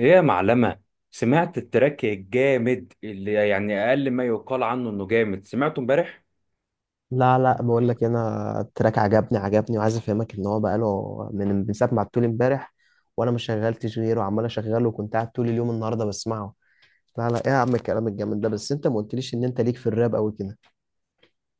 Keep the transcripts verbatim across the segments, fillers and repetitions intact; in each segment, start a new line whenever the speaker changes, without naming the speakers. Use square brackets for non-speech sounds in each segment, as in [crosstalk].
ايه يا معلمة؟ سمعت التراك الجامد اللي يعني اقل ما يقال عنه انه جامد، سمعته امبارح.
لا لا، بقول لك إيه، انا التراك عجبني عجبني وعايز افهمك ان هو بقاله من من ساعه ما عدتولي امبارح، وانا ما شغلتش غيره وعمال اشغله، وكنت قاعد طول اليوم النهارده بسمعه. لا لا، ايه يا عم الكلام الجامد ده؟ بس انت ما قلتليش ان انت ليك في الراب قوي كده.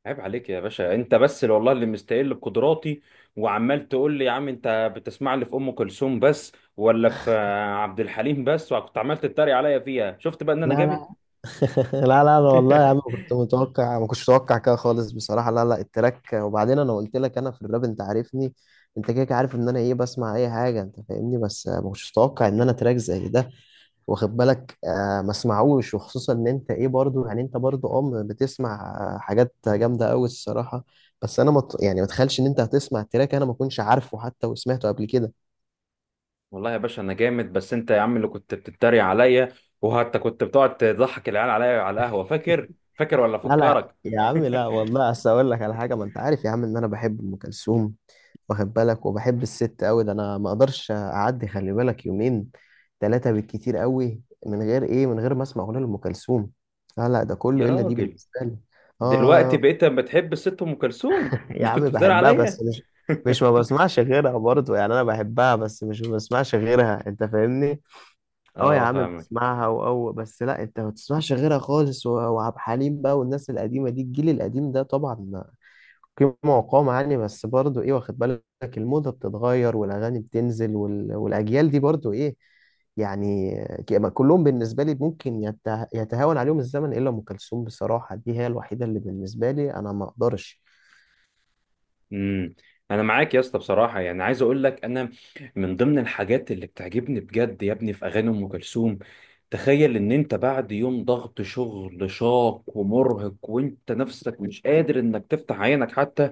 عيب عليك يا باشا، انت بس اللي والله اللي مستقل بقدراتي، وعمال تقول لي يا عم انت بتسمع لي في ام كلثوم بس ولا في آه، عبد الحليم بس، وكنت عمال تتريق عليا فيها. شفت بقى ان
لا
انا جامد.
لا. [laughs] لا لا لا والله يا عم كنت
[laughs]
متوقع، ما كنتش متوقع كده خالص بصراحه. لا لا التراك، وبعدين انا قلت لك انا في الراب انت عارفني. انت كده كده عارف ان انا ايه، بسمع اي حاجه انت فاهمني، بس ما كنتش متوقع ان انا تراك زي ده. واخد بالك؟ آه ما اسمعوش. وخصوصا ان انت ايه برضو، يعني انت برضو ام بتسمع آه، حاجات جامده قوي الصراحه. بس انا مت يعني، ما تخيلش ان انت هتسمع تراك انا ما كنتش عارفه حتى، وسمعته قبل كده.
والله يا باشا انا جامد، بس انت يا عم اللي كنت بتتريق عليا، وحتى كنت بتقعد تضحك العيال عليا على القهوة. فاكر فاكر ولا
لا لا
فكرك؟
يا عم، لا
[laughs]
والله اصل اقول لك على حاجه، ما انت عارف يا عم ان انا بحب ام كلثوم. واخد بالك؟ وبحب الست قوي ده، انا ما اقدرش اعدي، خلي بالك، يومين ثلاثه بالكتير قوي من غير ايه، من غير ما اسمع اغنيه لام كلثوم. لا لا، ده
يا
كله الا دي
راجل،
بالنسبه لي.
دلوقتي
آه
بقيت بتحب الست ام كلثوم؟
يا
مش
عم
كنت بتدار
بحبها،
عليا؟
بس مش، مش ما
[laughs]
بسمعش غيرها برضه، يعني انا بحبها بس مش ما بسمعش غيرها انت فاهمني. اه يا
اه
عم
فاهمك.
بسمعها، واو، بس لا انت ما بتسمعش غيرها خالص. و- وعبد الحليم بقى والناس القديمه دي، الجيل القديم ده طبعا قيمه وقامه يعني، بس برضه ايه، واخد بالك؟ الموضه بتتغير والاغاني بتنزل، وال... والاجيال دي برضه ايه يعني، ك- كلهم بالنسبه لي ممكن يته... يتهاون عليهم الزمن، الا ام كلثوم بصراحه، دي هي الوحيده اللي بالنسبه لي انا ما اقدرش.
امم انا معاك يا اسطى بصراحه، يعني عايز اقول لك انا من ضمن الحاجات اللي بتعجبني بجد يا ابني في اغاني ام كلثوم، تخيل ان انت بعد يوم ضغط شغل شاق ومرهق وانت نفسك مش قادر انك تفتح عينك حتى،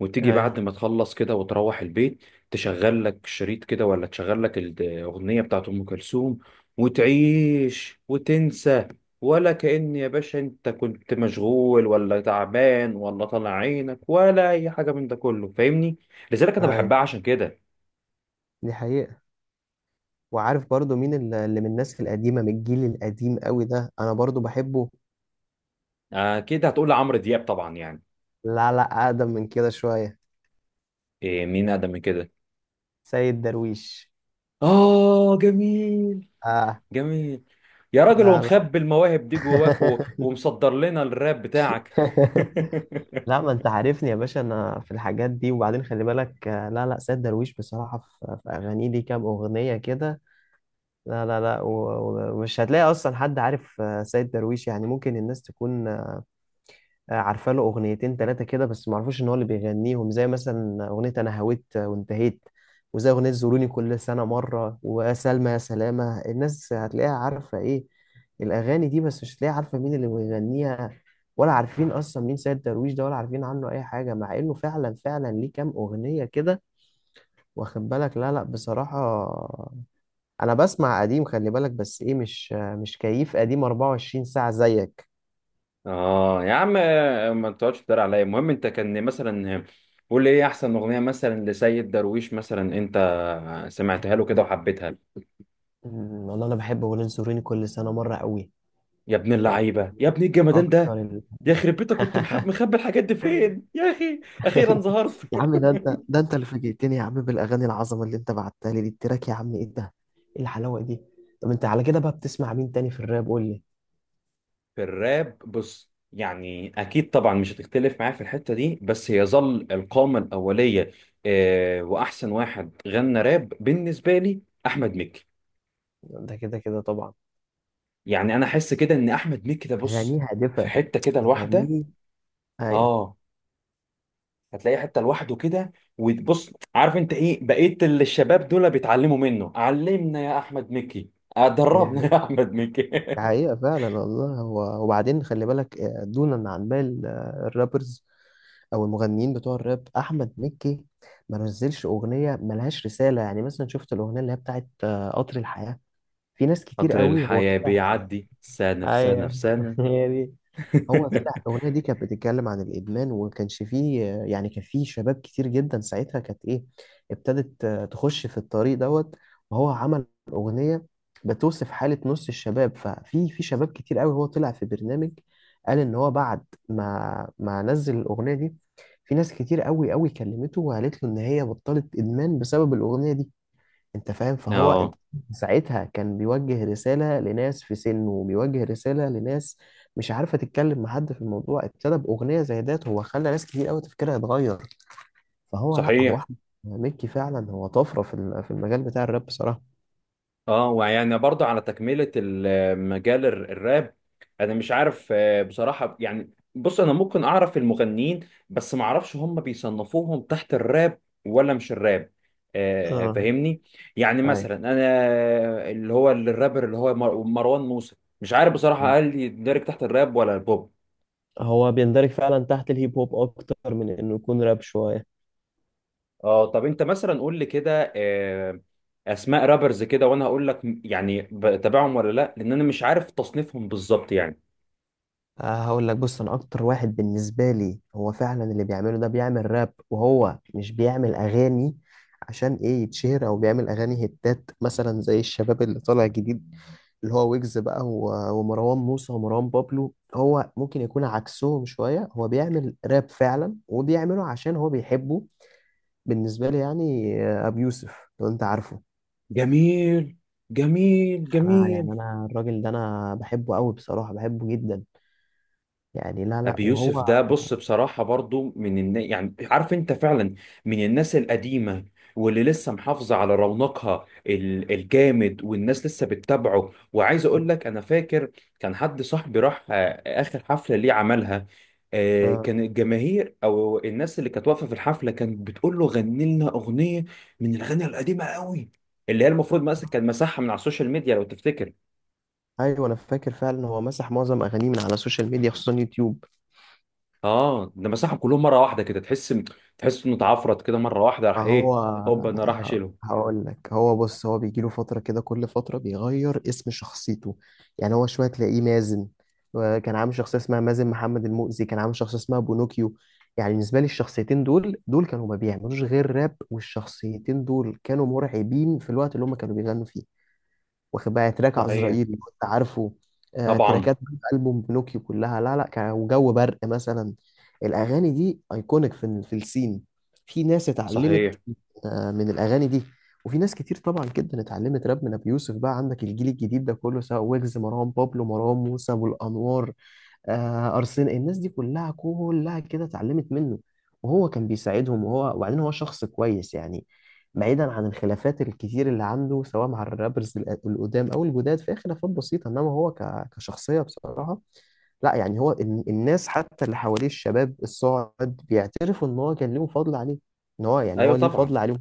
وتيجي بعد ما تخلص كده وتروح البيت تشغل لك شريط كده ولا تشغل لك الأغنية بتاعت أم كلثوم، وتعيش وتنسى، ولا كأن يا باشا أنت كنت مشغول ولا تعبان ولا طالع عينك ولا أي حاجة من ده كله. فاهمني؟ لذلك أنا
ايوه،
بحبها عشان كده.
دي حقيقة. وعارف برضو مين ال- اللي من الناس القديمة، من الجيل القديم قوي ده أنا برضو بحبه؟
أكيد هتقول لعمرو دياب طبعا، يعني.
لا لا، أقدم من كده شوية.
إيه، مين أقدم من كده؟
سيد درويش.
آه جميل،
آه.
جميل. يا راجل،
لا لا.
ومخبي المواهب دي
[laughs]
جواك و- ومصدر لنا الراب بتاعك؟ [laughs]
لا ما أنت عارفني يا باشا أنا في الحاجات دي، وبعدين خلي بالك. آه، لا لا، سيد درويش بصراحة في في أغانيه، ليه كام أغنية كده. لا لا لا. و- و- ومش هتلاقي أصلا حد عارف آه، سيد درويش. يعني ممكن الناس تكون آه، عارفه له اغنيتين ثلاثه كده، بس ما اعرفوش ان هو اللي بيغنيهم. زي مثلا اغنيه انا هويت وانتهيت، وزي اغنيه زوروني كل سنه مره، وسلمى يا سلامه. الناس هتلاقيها عارفه ايه، الاغاني دي، بس مش هتلاقيها عارفه مين اللي بيغنيها، ولا عارفين اصلا مين سيد درويش ده، ولا عارفين عنه اي حاجه، مع انه فعلا فعلا ليه كام اغنيه كده. واخد بالك؟ لا لا بصراحه انا بسمع قديم خلي بالك، بس ايه، مش، مش كيف قديم أربعة وعشرين ساعه زيك.
اه يا عم، ما تقعدش تدار عليا. المهم، انت كان مثلا قول لي ايه احسن اغنيه مثلا لسيد درويش مثلا انت سمعتها له كده وحبيتها.
أمم، والله انا بحب اغنيه زوروني كل سنه مره قوي.
يا ابن
يعني
اللعيبه، يا ابن الجمدان
اكتر
ده.
ال...
يا خرب بيتك، كنت محب
[laughs]
مخبي الحاجات دي فين يا اخي؟ اخيرا ظهرت.
يا عم ده انت، ده انت اللي فاجئتني يا عم بالاغاني العظمه اللي انت بعتها لي دي، التراك يا عم ايه ده؟ ايه الحلاوه دي؟ طب انت على كده بقى بتسمع مين تاني في الراب؟ قول لي.
في الراب، بص، يعني اكيد طبعا مش هتختلف معايا في الحته دي، بس يظل القامه الاوليه، آه، واحسن واحد غنى راب بالنسبه لي احمد مكي.
ده كده كده طبعا.
يعني انا احس كده ان احمد مكي ده، بص،
اغانيه
في
هادفه.
حته كده لوحده.
اغانيه. ايوه.
اه، هتلاقيه حته لوحده كده، وتبص عارف انت ايه بقيت اللي الشباب دول بيتعلموا منه. علمنا يا احمد مكي، آه،
دي
دربنا
حقيقة،
يا احمد مكي. [laughs]
دي حقيقة فعلا والله. هو وبعدين خلي بالك آه، دونا عن باقي ال- آه، الرابرز او المغنيين بتوع الراب، احمد مكي ما نزلش اغنيه ملهاش رساله. يعني مثلا شفت الاغنيه اللي هي بتاعت آه، قطر الحياه؟ في ناس كتير
قطر
قوي هو
الحياه
طلع.
بيعدي سنه في سنه في
ايوه
سنه.
[laughs] هي دي. هو طلع الاغنيه دي، كانت بتتكلم عن الادمان، وما كانش فيه يعني، كان فيه شباب كتير جدا ساعتها كانت ايه، ابتدت تخش في الطريق دوت. وهو عمل اغنيه بتوصف حاله نص الشباب، ففي في شباب كتير قوي هو طلع في برنامج، قال ان هو بعد ما ما نزل الاغنيه دي، في ناس كتير قوي قوي كلمته وقالت له ان هي بطلت ادمان بسبب الاغنيه دي، انت فاهم؟
[laughs]
فهو
اه
انت، ساعتها كان بيوجه رسالة لناس في سنه، وبيوجه رسالة لناس مش عارفة تتكلم مع حد في الموضوع، ابتدى بأغنية زي ديت، هو خلى ناس كتير قوي تفكيرها يتغير. فهو لا، هو
صحيح.
احمد مكي فعلا هو طفرة في ال- في المجال بتاع الراب بصراحة.
اه، ويعني برضه على تكملة المجال الر- الراب، انا مش عارف آه، بصراحة، يعني بص، انا ممكن اعرف المغنيين، بس ما اعرفش هم بيصنفوهم تحت الراب ولا مش الراب، آه،
اه.
فاهمني؟ يعني
ايوه،
مثلا انا اللي هو الرابر اللي هو مر- مروان موسى، مش عارف بصراحة هل يندرج تحت الراب ولا البوب.
هو بيندرج فعلا تحت الهيب هوب اكتر من انه يكون راب شوية.
اه، طب انت مثلا قول لي كده آه، اسماء رابرز كده، وانا هقول لك يعني بتابعهم ولا لا، لان انا مش عارف تصنيفهم بالظبط يعني.
آه، هقول لك بص، انا اكتر واحد بالنسبه لي هو فعلا اللي بيعمله ده، بيعمل راب وهو مش بيعمل اغاني عشان ايه، يتشهر، او بيعمل اغاني هتات مثلا زي الشباب اللي طالع جديد، اللي هو ويجز بقى و- ومروان موسى ومروان بابلو. هو ممكن يكون عكسهم شويه، هو بيعمل راب فعلا وبيعمله عشان هو بيحبه، بالنسبه لي يعني. آه، ابو يوسف لو انت عارفه،
جميل، جميل
انا
جميل.
يعني، انا الراجل ده انا بحبه قوي بصراحه، بحبه جدا يعني. لا لا.
ابي يوسف
وهو،
ده، بص، بصراحه برضو من النا... يعني عارف انت فعلا من الناس القديمه، واللي لسه محافظه على رونقها ال... الجامد، والناس لسه بتتابعه. وعايز اقول لك انا فاكر كان حد صاحبي راح آه، اخر حفله ليه عملها. آه،
آه
كان الجماهير او الناس اللي كانت واقفه في الحفله كانت بتقول له غني لنا اغنيه من الاغاني القديمه قوي، اللي هي المفروض مثلا كان مسحها من على السوشيال ميديا لو تفتكر.
ايوه، انا فاكر فعلا هو مسح معظم اغانيه من على السوشيال ميديا، خصوصا يوتيوب.
اه، ده مسحهم كلهم مره واحده كده. تحس تحس انه اتعفرت كده مره واحده. راح
فهو
ايه، هوب، انا راح
ه-
اشيله.
هقول لك، هو بص، هو بيجي له فتره كده كل فتره بيغير اسم شخصيته. يعني هو شويه تلاقيه مازن، كان عامل شخصيه اسمها مازن محمد المؤذي، كان عامل شخصيه اسمها بونوكيو. يعني بالنسبه لي الشخصيتين دول دول كانوا ما بيعملوش غير راب، والشخصيتين دول كانوا مرعبين في الوقت اللي هم كانوا بيغنوا فيه. واخد بقى تراك
صحيح.
عزرائيل كنت عارفه؟ آه،
طبعا.
تراكات ألبوم بنوكيو كلها، لا لا كان وجو برق مثلا. الأغاني دي أيكونيك في ال- في السين. في ناس اتعلمت
صحيح.
آه، من الأغاني دي، وفي ناس كتير طبعا جدا اتعلمت راب من أبي يوسف. بقى عندك الجيل الجديد ده كله سواء ويجز، مروان بابلو، مروان موسى، أبو الأنوار، آه ارسنال، الناس دي كلها كلها كده اتعلمت منه، وهو كان بيساعدهم. وهو وبعدين هو شخص كويس يعني، بعيدا عن الخلافات الكتير اللي عنده سواء مع الرابرز ال- القدام او الجداد، فهي خلافات بسيطه، انما هو ك- كشخصيه بصراحه لا، يعني هو ال- الناس حتى اللي حواليه الشباب الصاعد بيعترفوا ان هو كان ليهم فضل عليه، ان هو يعني
ايوه
هو ليه
طبعا.
فضل عليهم.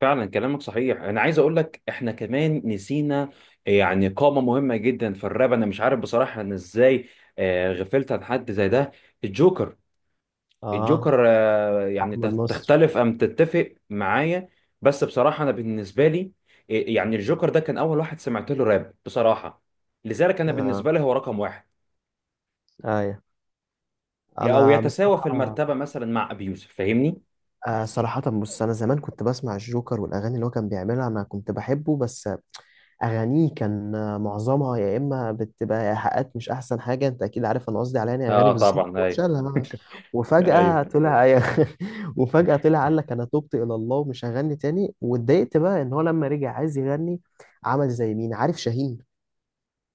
فعلا كلامك صحيح. انا عايز اقول لك احنا كمان نسينا يعني قامه مهمه جدا في الراب، انا مش عارف بصراحه انا ازاي آه، غفلت عن حد زي ده. الجوكر،
اه،
الجوكر، آه، يعني
احمد
تخ-
نصر.
تختلف أم تتفق معايا؟ بس بصراحة، أنا بالنسبة لي، إيه، يعني الجوكر ده كان أول واحد سمعت له راب، بصراحة، لذلك أنا
اه
بالنسبة لي هو رقم واحد،
ايوه
يا- أو
انا
يتساوى في
بصراحه.
المرتبة مثلا مع أبي يوسف. فاهمني؟
آه صراحة بص، أنا زمان كنت بسمع الجوكر والأغاني اللي هو كان بيعملها أنا كنت بحبه، بس أغانيه كان آه، معظمها يا إما بتبقى إيحاءات، مش أحسن حاجة، أنت أكيد عارف أنا قصدي على يعني أغاني
آه
بالظبط
طبعا، أيوه.
وشالها.
[laughs]
وفجأة
أيوه.
طلع [laughs] وفجأة طلع، قال لك أنا تبت إلى الله ومش هغني تاني، واتضايقت بقى إن هو لما رجع عايز يغني، عمل زي مين عارف؟ شاهين.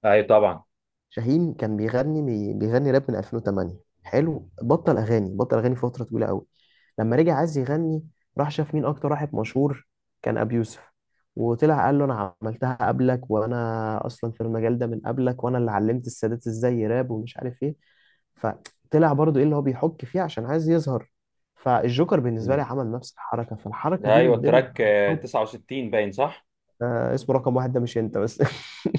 أيوه طبعا.
شاهين كان بيغني بي- بيغني راب من ألفين وثمانية، حلو، بطل اغاني، بطل اغاني فتره طويله قوي، لما رجع عايز يغني راح شاف مين اكتر واحد مشهور، كان ابي يوسف، وطلع قال له انا عملتها قبلك، وانا اصلا في المجال ده من قبلك، وانا اللي علمت السادات ازاي يراب ومش عارف ايه. فطلع برضو ايه اللي هو بيحك فيه عشان عايز يظهر. فالجوكر بالنسبه لي
مم.
عمل نفس الحركه، فالحركه
ده
دي
أيوه
من ضمن
التراك آه،
الحركات.
تسعة وستين باين، صح؟
آه اسمه رقم واحد ده، مش انت بس. [laughs]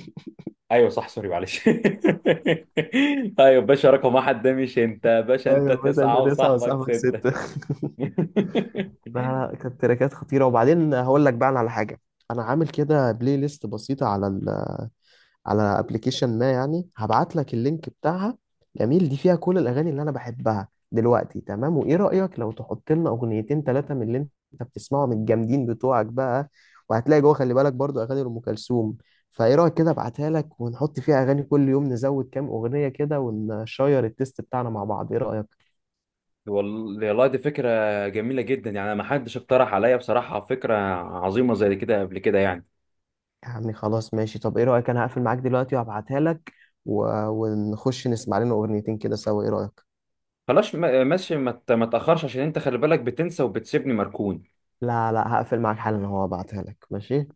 أيوه صح، سوري معلش. [laughs] أيوه باشا، رقم واحد ده مش أنت باشا، أنت
ايوه بس انت
تسعة
تسعة
وصاحبك
وصاحبك
ستة.
ستة. لا.
[laughs]
لا كانت تراكات خطيرة. وبعدين هقول لك بقى أنا على حاجة، أنا عامل كده بلاي ليست بسيطة على ال، على ابلكيشن ما، يعني هبعت لك اللينك بتاعها. جميل. دي فيها كل الأغاني اللي أنا بحبها دلوقتي، تمام؟ وإيه رأيك لو تحط لنا أغنيتين ثلاثة من اللي أنت بتسمعهم الجامدين بتوعك بقى؟ وهتلاقي جوه خلي بالك برضو أغاني لأم كلثوم. فإيه رأيك كده أبعتها لك، ونحط فيها أغاني كل يوم نزود كام أغنية كده، ونشير التيست بتاعنا مع بعض، إيه رأيك؟
وال- والله دي فكرة جميلة جدا، يعني ما حدش اقترح عليا بصراحة فكرة عظيمة زي كده قبل كده، يعني.
يا عمي خلاص ماشي، طب ايه رأيك انا هقفل معاك دلوقتي وهبعتها لك، و... ونخش نسمع لنا اغنيتين كده سوا، ايه رأيك؟
خلاص ما- ماشي، ما ت- ما تأخرش عشان انت خلي بالك بتنسى وبتسيبني مركون.
لا لا هقفل معاك حالا، هو هبعتها لك، ماشي؟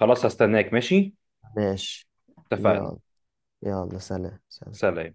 خلاص هستناك. ماشي،
ماشي.
اتفقنا.
يلا. يلا، سلام سلام.
سلام.